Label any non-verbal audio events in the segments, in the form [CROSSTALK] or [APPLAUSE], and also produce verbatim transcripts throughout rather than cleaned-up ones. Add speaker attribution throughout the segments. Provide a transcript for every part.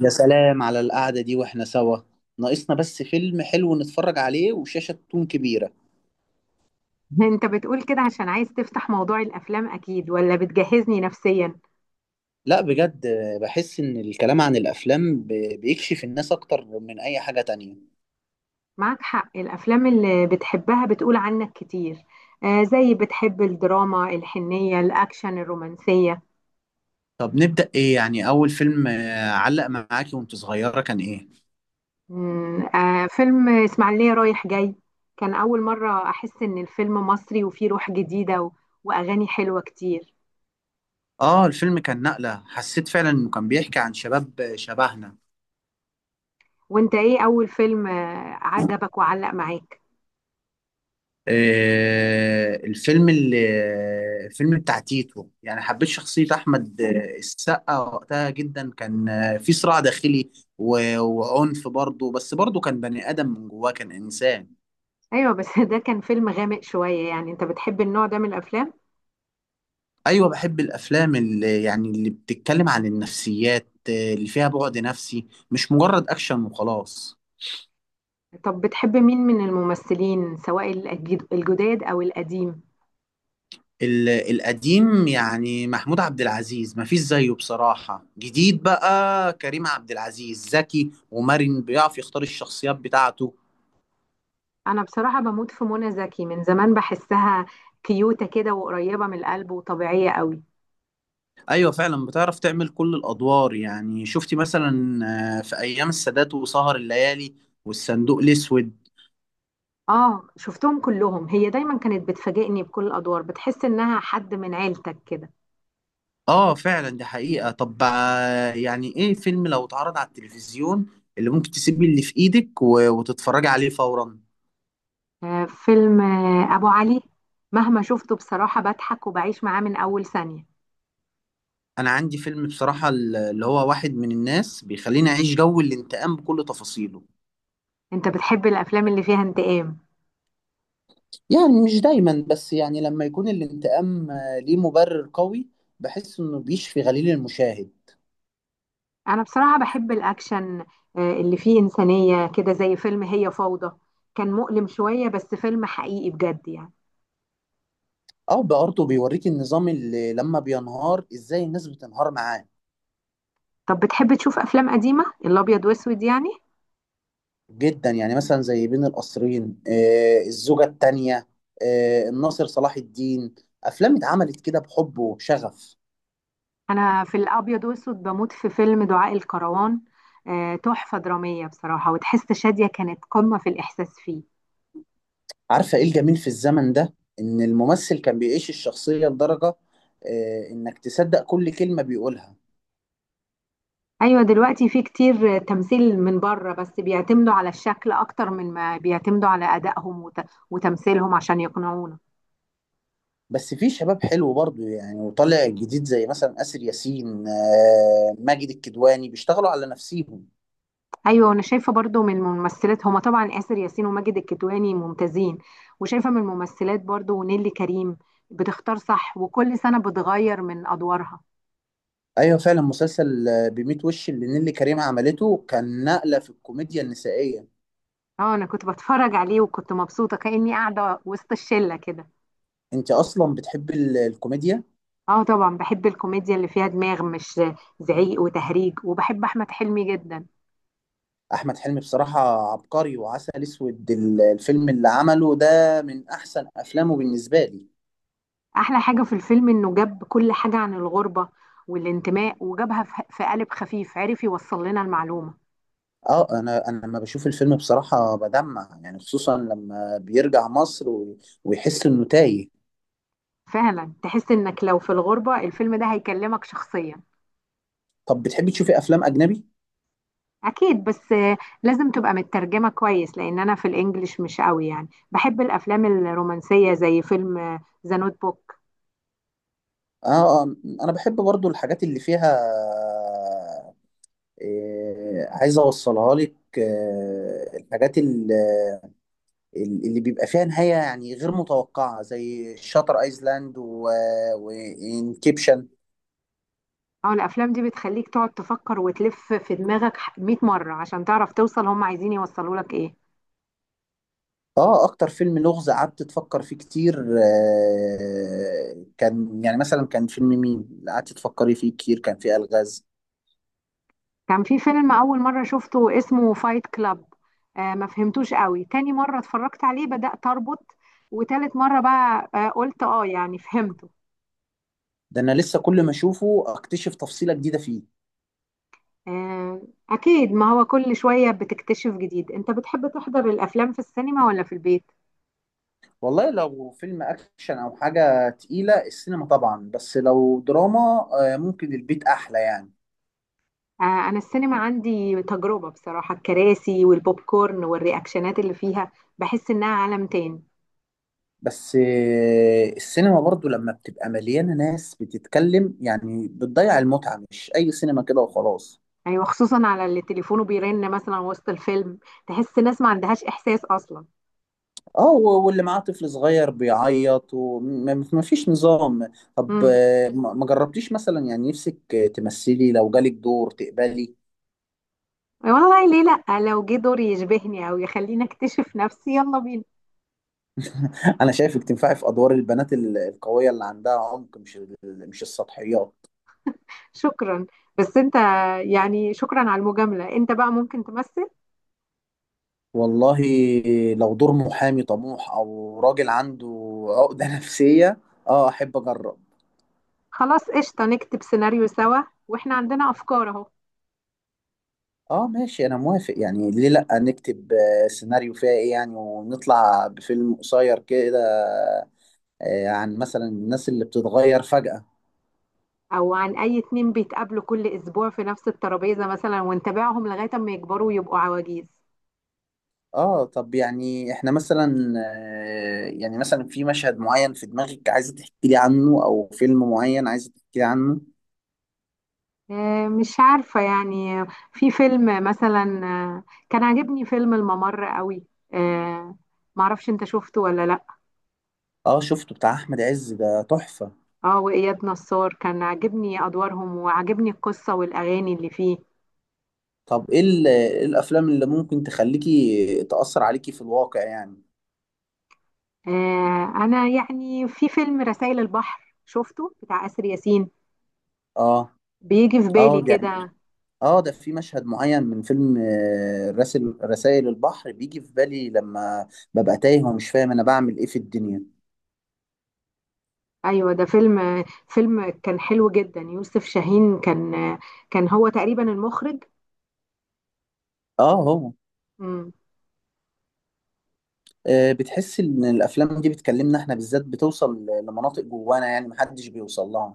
Speaker 1: يا سلام على القعدة دي واحنا سوا. ناقصنا بس فيلم حلو نتفرج عليه وشاشة تكون كبيرة.
Speaker 2: [LAUGHS] انت بتقول كده عشان عايز تفتح موضوع الافلام اكيد ولا بتجهزني نفسيا؟
Speaker 1: لا بجد آه، بحس ان الكلام عن الافلام ب- بيكشف الناس اكتر من اي حاجة تانية.
Speaker 2: معاك حق، الافلام اللي بتحبها بتقول عنك كتير. آه، زي بتحب الدراما الحنية الاكشن الرومانسية.
Speaker 1: طب نبدأ ايه، يعني اول فيلم آه، علق معاكي وانت صغيرة كان ايه؟
Speaker 2: مم، آه، فيلم اسماعيلية رايح جاي. كان اول مرة احس ان الفيلم مصري وفيه روح جديدة، و... واغاني حلوة كتير.
Speaker 1: اه الفيلم كان نقلة، حسيت فعلا انه كان بيحكي عن شباب آه، شبهنا.
Speaker 2: وانت ايه اول فيلم آه عجبك وعلق معاك؟
Speaker 1: آه، الفيلم اللي الفيلم بتاع تيتو، يعني حبيت شخصية أحمد آه، السقا وقتها جدا، كان آه، في صراع داخلي و- وعنف برضه، بس برضه كان بني آدم، من جواه كان إنسان.
Speaker 2: ايوه بس [LAUGHS] ده كان فيلم غامق شوية. يعني انت بتحب النوع ده من الافلام؟
Speaker 1: أيوة بحب الأفلام اللي يعني اللي بتتكلم عن النفسيات، آه، اللي فيها بعد نفسي مش مجرد أكشن وخلاص.
Speaker 2: طب بتحب مين من الممثلين، سواء الجد- الجداد او القديم؟
Speaker 1: ال- القديم يعني محمود عبد العزيز مفيش زيه بصراحة، جديد بقى كريم عبد العزيز ذكي ومرن بيعرف يختار الشخصيات بتاعته.
Speaker 2: انا بصراحة بموت في منى زكي من زمان. بحسها كيوتة كده، وقريبة من القلب، وطبيعية قوي.
Speaker 1: أيوة فعلا بتعرف تعمل كل الأدوار، يعني شفتي مثلا آه، في أيام السادات وسهر الليالي والصندوق الأسود.
Speaker 2: اه، شفتهم كلهم. هي دايما كانت بتفاجئني بكل الادوار، بتحس انها حد من عيلتك كده.
Speaker 1: آه فعلا دي حقيقة. طب آه، يعني إيه فيلم لو اتعرض على التلفزيون اللي ممكن تسيبي اللي في إيدك و- وتتفرجي عليه فورا؟
Speaker 2: آه، فيلم آه ابو علي. مهما شفته، بصراحة بضحك وبعيش معاه من اول ثانية.
Speaker 1: انا عندي فيلم بصراحة ال- اللي هو واحد من الناس، بيخليني اعيش جو الانتقام بكل تفاصيله.
Speaker 2: انت بتحب الافلام اللي فيها انتقام؟
Speaker 1: يعني مش دايما، بس يعني لما يكون الانتقام آه، ليه مبرر قوي بحس انه بيشفي غليل المشاهد.
Speaker 2: انا بصراحة بحب الاكشن، آه، اللي فيه انسانية كده، زي فيلم هي فوضى. كان مؤلم شوية بس فيلم حقيقي بجد يعني.
Speaker 1: او برضه بيوريك النظام اللي لما بينهار ازاي الناس بتنهار معاه.
Speaker 2: طب بتحب تشوف افلام قديمة، الابيض واسود يعني؟
Speaker 1: جدا، يعني مثلا زي بين القصرين آه، الزوجة التانية آه، الناصر صلاح الدين، افلام اتعملت كده بحب وشغف.
Speaker 2: انا في الابيض واسود بموت في فيلم دعاء الكروان. آه، تحفة درامية بصراحة. وتحس شادية كانت قمة في الاحساس فيه.
Speaker 1: عارفة ايه الجميل في الزمن ده، ان الممثل كان بيعيش الشخصية لدرجة آه، انك تصدق كل كلمة بيقولها.
Speaker 2: ايوه، دلوقتي في كتير آه، تمثيل من بره، بس بيعتمدوا على الشكل اكتر من ما بيعتمدوا على ادائهم وت- وتمثيلهم عشان يقنعونا.
Speaker 1: بس في شباب حلو برضو يعني وطالع جديد زي مثلا آسر ياسين آه، ماجد الكدواني بيشتغلوا على نفسيهم.
Speaker 2: ايوه، وانا شايفه برضو. من الممثلات هما طبعا اسر ياسين وماجد الكدواني ممتازين. وشايفه من الممثلات برضو ونيلي كريم. بتختار صح، وكل سنه بتغير من ادوارها.
Speaker 1: ايوه فعلا مسلسل آه، بميت وش اللي نيللي كريم عملته كان نقلة في الكوميديا النسائية.
Speaker 2: اه، انا كنت بتفرج عليه وكنت مبسوطه كاني قاعده وسط الشله كده.
Speaker 1: انت اصلا بتحب ال- الكوميديا؟
Speaker 2: اه، طبعا بحب الكوميديا اللي فيها دماغ، مش زعيق وتهريج. وبحب احمد حلمي جدا.
Speaker 1: احمد حلمي بصراحة عبقري، وعسل اسود ال- الفيلم اللي عمله ده من احسن افلامه بالنسبة لي.
Speaker 2: احلى حاجه في الفيلم انه جاب كل حاجه عن الغربه والانتماء، وجابها في في قالب خفيف، عرف يوصل لنا المعلومه.
Speaker 1: اه انا انا لما بشوف الفيلم بصراحه بدمع، يعني خصوصا لما بيرجع مصر و- ويحس انه تايه.
Speaker 2: فعلا تحس انك لو في الغربة، الفيلم ده هيكلمك شخصيا.
Speaker 1: طب بتحبي تشوفي افلام اجنبي؟
Speaker 2: اكيد، بس آه، لازم تبقى مترجمة كويس لان انا في الانجليش مش قوي. يعني بحب الافلام الرومانسية زي فيلم ذا نوت بوك.
Speaker 1: اه آه، انا بحب برضو الحاجات اللي فيها إيه، عايز اوصلها لك آه، الحاجات ال- ال- اللي بيبقى فيها نهايه يعني غير متوقعه زي شاتر ايلاند وانكيبشن.
Speaker 2: اه، الافلام دي بتخليك تقعد تفكر وتلف في دماغك مية مرة عشان تعرف توصل هم عايزين يوصلوا لك ايه.
Speaker 1: اه اكتر فيلم لغز قعدت تفكر فيه كتير آه، كان يعني مثلا كان فيلم مين اللي قعدت تفكري فيه كتير كان فيه الغاز؟
Speaker 2: كان في فيلم اول مرة شفته اسمه فايت كلاب. آه ما فهمتوش قوي. تاني مرة اتفرجت عليه بدأت اربط. وتالت مرة بقى آه، قلت اه، يعني فهمت.
Speaker 1: ده انا لسه كل ما اشوفه اكتشف تفصيلة جديدة فيه.
Speaker 2: آه، أكيد. ما هو كل شوية بتكتشف جديد. أنت بتحب تحضر الأفلام في السينما ولا في البيت؟
Speaker 1: والله لو فيلم اكشن او حاجة تقيلة السينما طبعا، بس لو دراما آه ممكن البيت احلى يعني.
Speaker 2: آه، أنا السينما عندي تجربة. بصراحة الكراسي والبوب كورن والرياكشنات اللي فيها، بحس إنها عالم تاني.
Speaker 1: بس آه السينما برضو لما بتبقى مليانة ناس بتتكلم يعني بتضيع المتعة، مش اي سينما كده وخلاص.
Speaker 2: أيوة، خصوصا على اللي تليفونه بيرن مثلا وسط الفيلم. تحس ناس ما عندهاش إحساس أصلا.
Speaker 1: اه و- واللي معاه طفل صغير بيعيط وما فيش نظام. طب
Speaker 2: مم.
Speaker 1: آه، ما ما جربتيش مثلا يعني نفسك آه، تمثلي لو جالك دور تقبلي؟
Speaker 2: والله ليه؟ لأ، لو جه دور يشبهني أو يخليني أكتشف نفسي، يلا بينا.
Speaker 1: [LAUGHS] انا شايفك تنفعي في ادوار البنات ال- القوية اللي عندها عمق، مش ال- مش السطحيات.
Speaker 2: شكرا. بس أنت، يعني شكرا على المجاملة. أنت بقى ممكن تمثل؟
Speaker 1: والله لو دور محامي طموح او راجل عنده عقدة [LAUGHS] نفسية اه احب اجرب.
Speaker 2: خلاص، قشطة، نكتب سيناريو سوا. واحنا عندنا افكار اهو.
Speaker 1: اه ماشي انا موافق، يعني ليه لا، نكتب آه، سيناريو فيها ايه يعني ونطلع بفيلم قصير كده آه، عن مثلا الناس اللي بتتغير فجأة.
Speaker 2: او عن اي اتنين بيتقابلوا كل اسبوع في نفس الترابيزة مثلا، ونتابعهم لغاية اما يكبروا ويبقوا عواجيز.
Speaker 1: اه طب يعني احنا مثلا آه، يعني مثلا في مشهد معين في دماغك عايزة تحكي لي عنه، او فيلم معين عايزة تحكي لي عنه؟
Speaker 2: آه، مش عارفة يعني. في فيلم مثلا، آه، كان عاجبني فيلم الممر قوي. آه، معرفش انت شفته ولا لا.
Speaker 1: اه شفته، بتاع احمد عز ده تحفة.
Speaker 2: اه، وإياد نصار كان عاجبني ادوارهم وعاجبني القصة والاغاني اللي فيه.
Speaker 1: طب ايه ال- إيه الافلام اللي ممكن تخليكي تأثر عليكي في الواقع يعني؟
Speaker 2: آه، انا يعني في فيلم رسائل البحر شفته بتاع آسر ياسين.
Speaker 1: اه.
Speaker 2: بيجي في بالي
Speaker 1: اه
Speaker 2: كده.
Speaker 1: يعني اه ده في مشهد معين من فيلم آه، رسل رسائل البحر بيجي في بالي لما ببقى تايه ومش فاهم انا بعمل ايه في الدنيا.
Speaker 2: ايوه، ده فيلم فيلم كان حلو جدا. يوسف شاهين كان كان هو تقريبا المخرج.
Speaker 1: اه هو.
Speaker 2: مم.
Speaker 1: آه، بتحس ان الافلام دي بتكلمنا احنا بالذات، بتوصل ل- لمناطق جوانا يعني محدش بيوصل لها.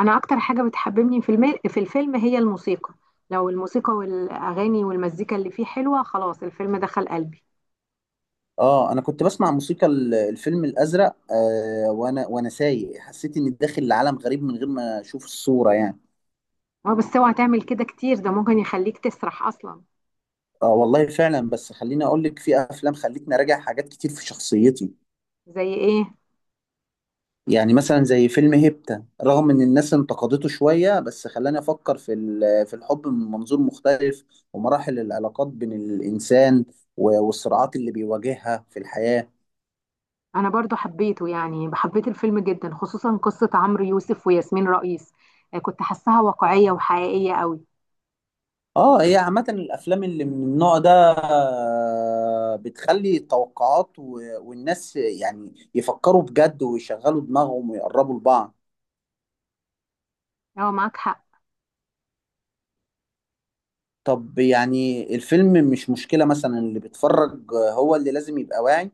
Speaker 2: انا اكتر حاجه بتحببني في الم... في الفيلم هي الموسيقى. لو الموسيقى والاغاني والمزيكا اللي فيه حلوه، خلاص الفيلم دخل قلبي.
Speaker 1: اه انا كنت بسمع موسيقى ال- الفيلم الازرق آه وانا وانا سايق، حسيت اني داخل لعالم غريب من غير ما اشوف الصورة يعني.
Speaker 2: اه، بس اوعى تعمل كده كتير، ده ممكن يخليك تسرح اصلا.
Speaker 1: اه والله فعلا، بس خليني اقول لك في افلام خلتني اراجع حاجات كتير في شخصيتي.
Speaker 2: زي ايه؟
Speaker 1: يعني مثلا زي فيلم هيبتا، رغم ان الناس انتقدته شوية بس خلاني افكر في ال- في الحب من منظور مختلف، ومراحل العلاقات بين الانسان و- والصراعات اللي بيواجهها في الحياة.
Speaker 2: انا برضو حبيته. يعني حبيت الفيلم جدا، خصوصا قصه عمرو يوسف وياسمين رئيس. آه، كنت حاساها واقعيه وحقيقيه قوي.
Speaker 1: اه هي عامة الأفلام اللي من النوع ده آه، بتخلي التوقعات و... والناس يعني يفكروا بجد ويشغلوا دماغهم ويقربوا لبعض.
Speaker 2: اه، معاك حق.
Speaker 1: طب يعني الفيلم مش مشكلة، مثلا اللي بيتفرج هو اللي لازم يبقى واعي.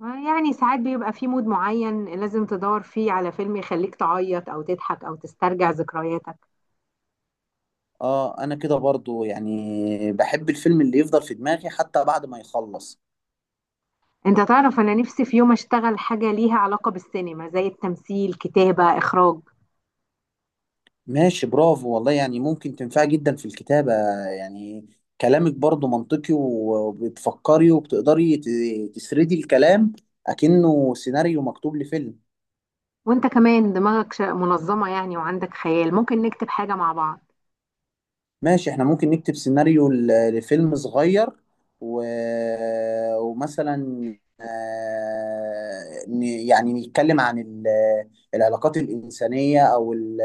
Speaker 2: يعني ساعات بيبقى في مود معين، لازم تدور فيه على فيلم يخليك تعيط او تضحك او تسترجع ذكرياتك.
Speaker 1: اه أنا كده برضو يعني بحب الفيلم اللي يفضل في دماغي حتى بعد ما يخلص.
Speaker 2: انت تعرف، انا نفسي في يوم اشتغل حاجة ليها علاقة بالسينما، زي التمثيل، كتابة، اخراج.
Speaker 1: ماشي برافو والله، يعني ممكن تنفع جدا في الكتابة يعني. كلامك برضو منطقي و- وبتفكري وبتقدري ت- تسردي الكلام أكنه سيناريو مكتوب لفيلم.
Speaker 2: وانت كمان دماغك ش- منظمة يعني، وعندك خيال. ممكن نكتب حاجة مع بعض.
Speaker 1: ماشي احنا ممكن نكتب سيناريو ل- لفيلم صغير و... ومثلا آه، ن- يعني نتكلم عن ال- العلاقات الإنسانية أو ال-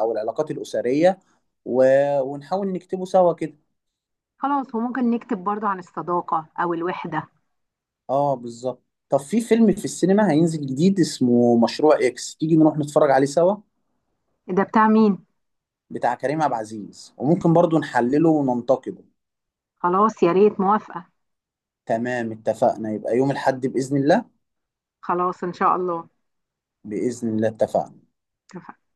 Speaker 1: أو العلاقات الأسرية و... ونحاول نكتبه سوا كده.
Speaker 2: خلاص، وممكن نكتب برضو عن الصداقة او الوحدة.
Speaker 1: اه بالظبط. طب في فيلم في السينما هينزل جديد اسمه مشروع اكس، تيجي نروح نتفرج عليه سوا؟
Speaker 2: ده بتاع مين؟
Speaker 1: بتاع كريم عبد العزيز، وممكن برضو نحلله وننتقده.
Speaker 2: خلاص، يا ريت، موافقة.
Speaker 1: تمام اتفقنا، يبقى يوم الحد بإذن الله.
Speaker 2: خلاص، ان شاء الله،
Speaker 1: بإذن الله اتفقنا.
Speaker 2: اتفقنا.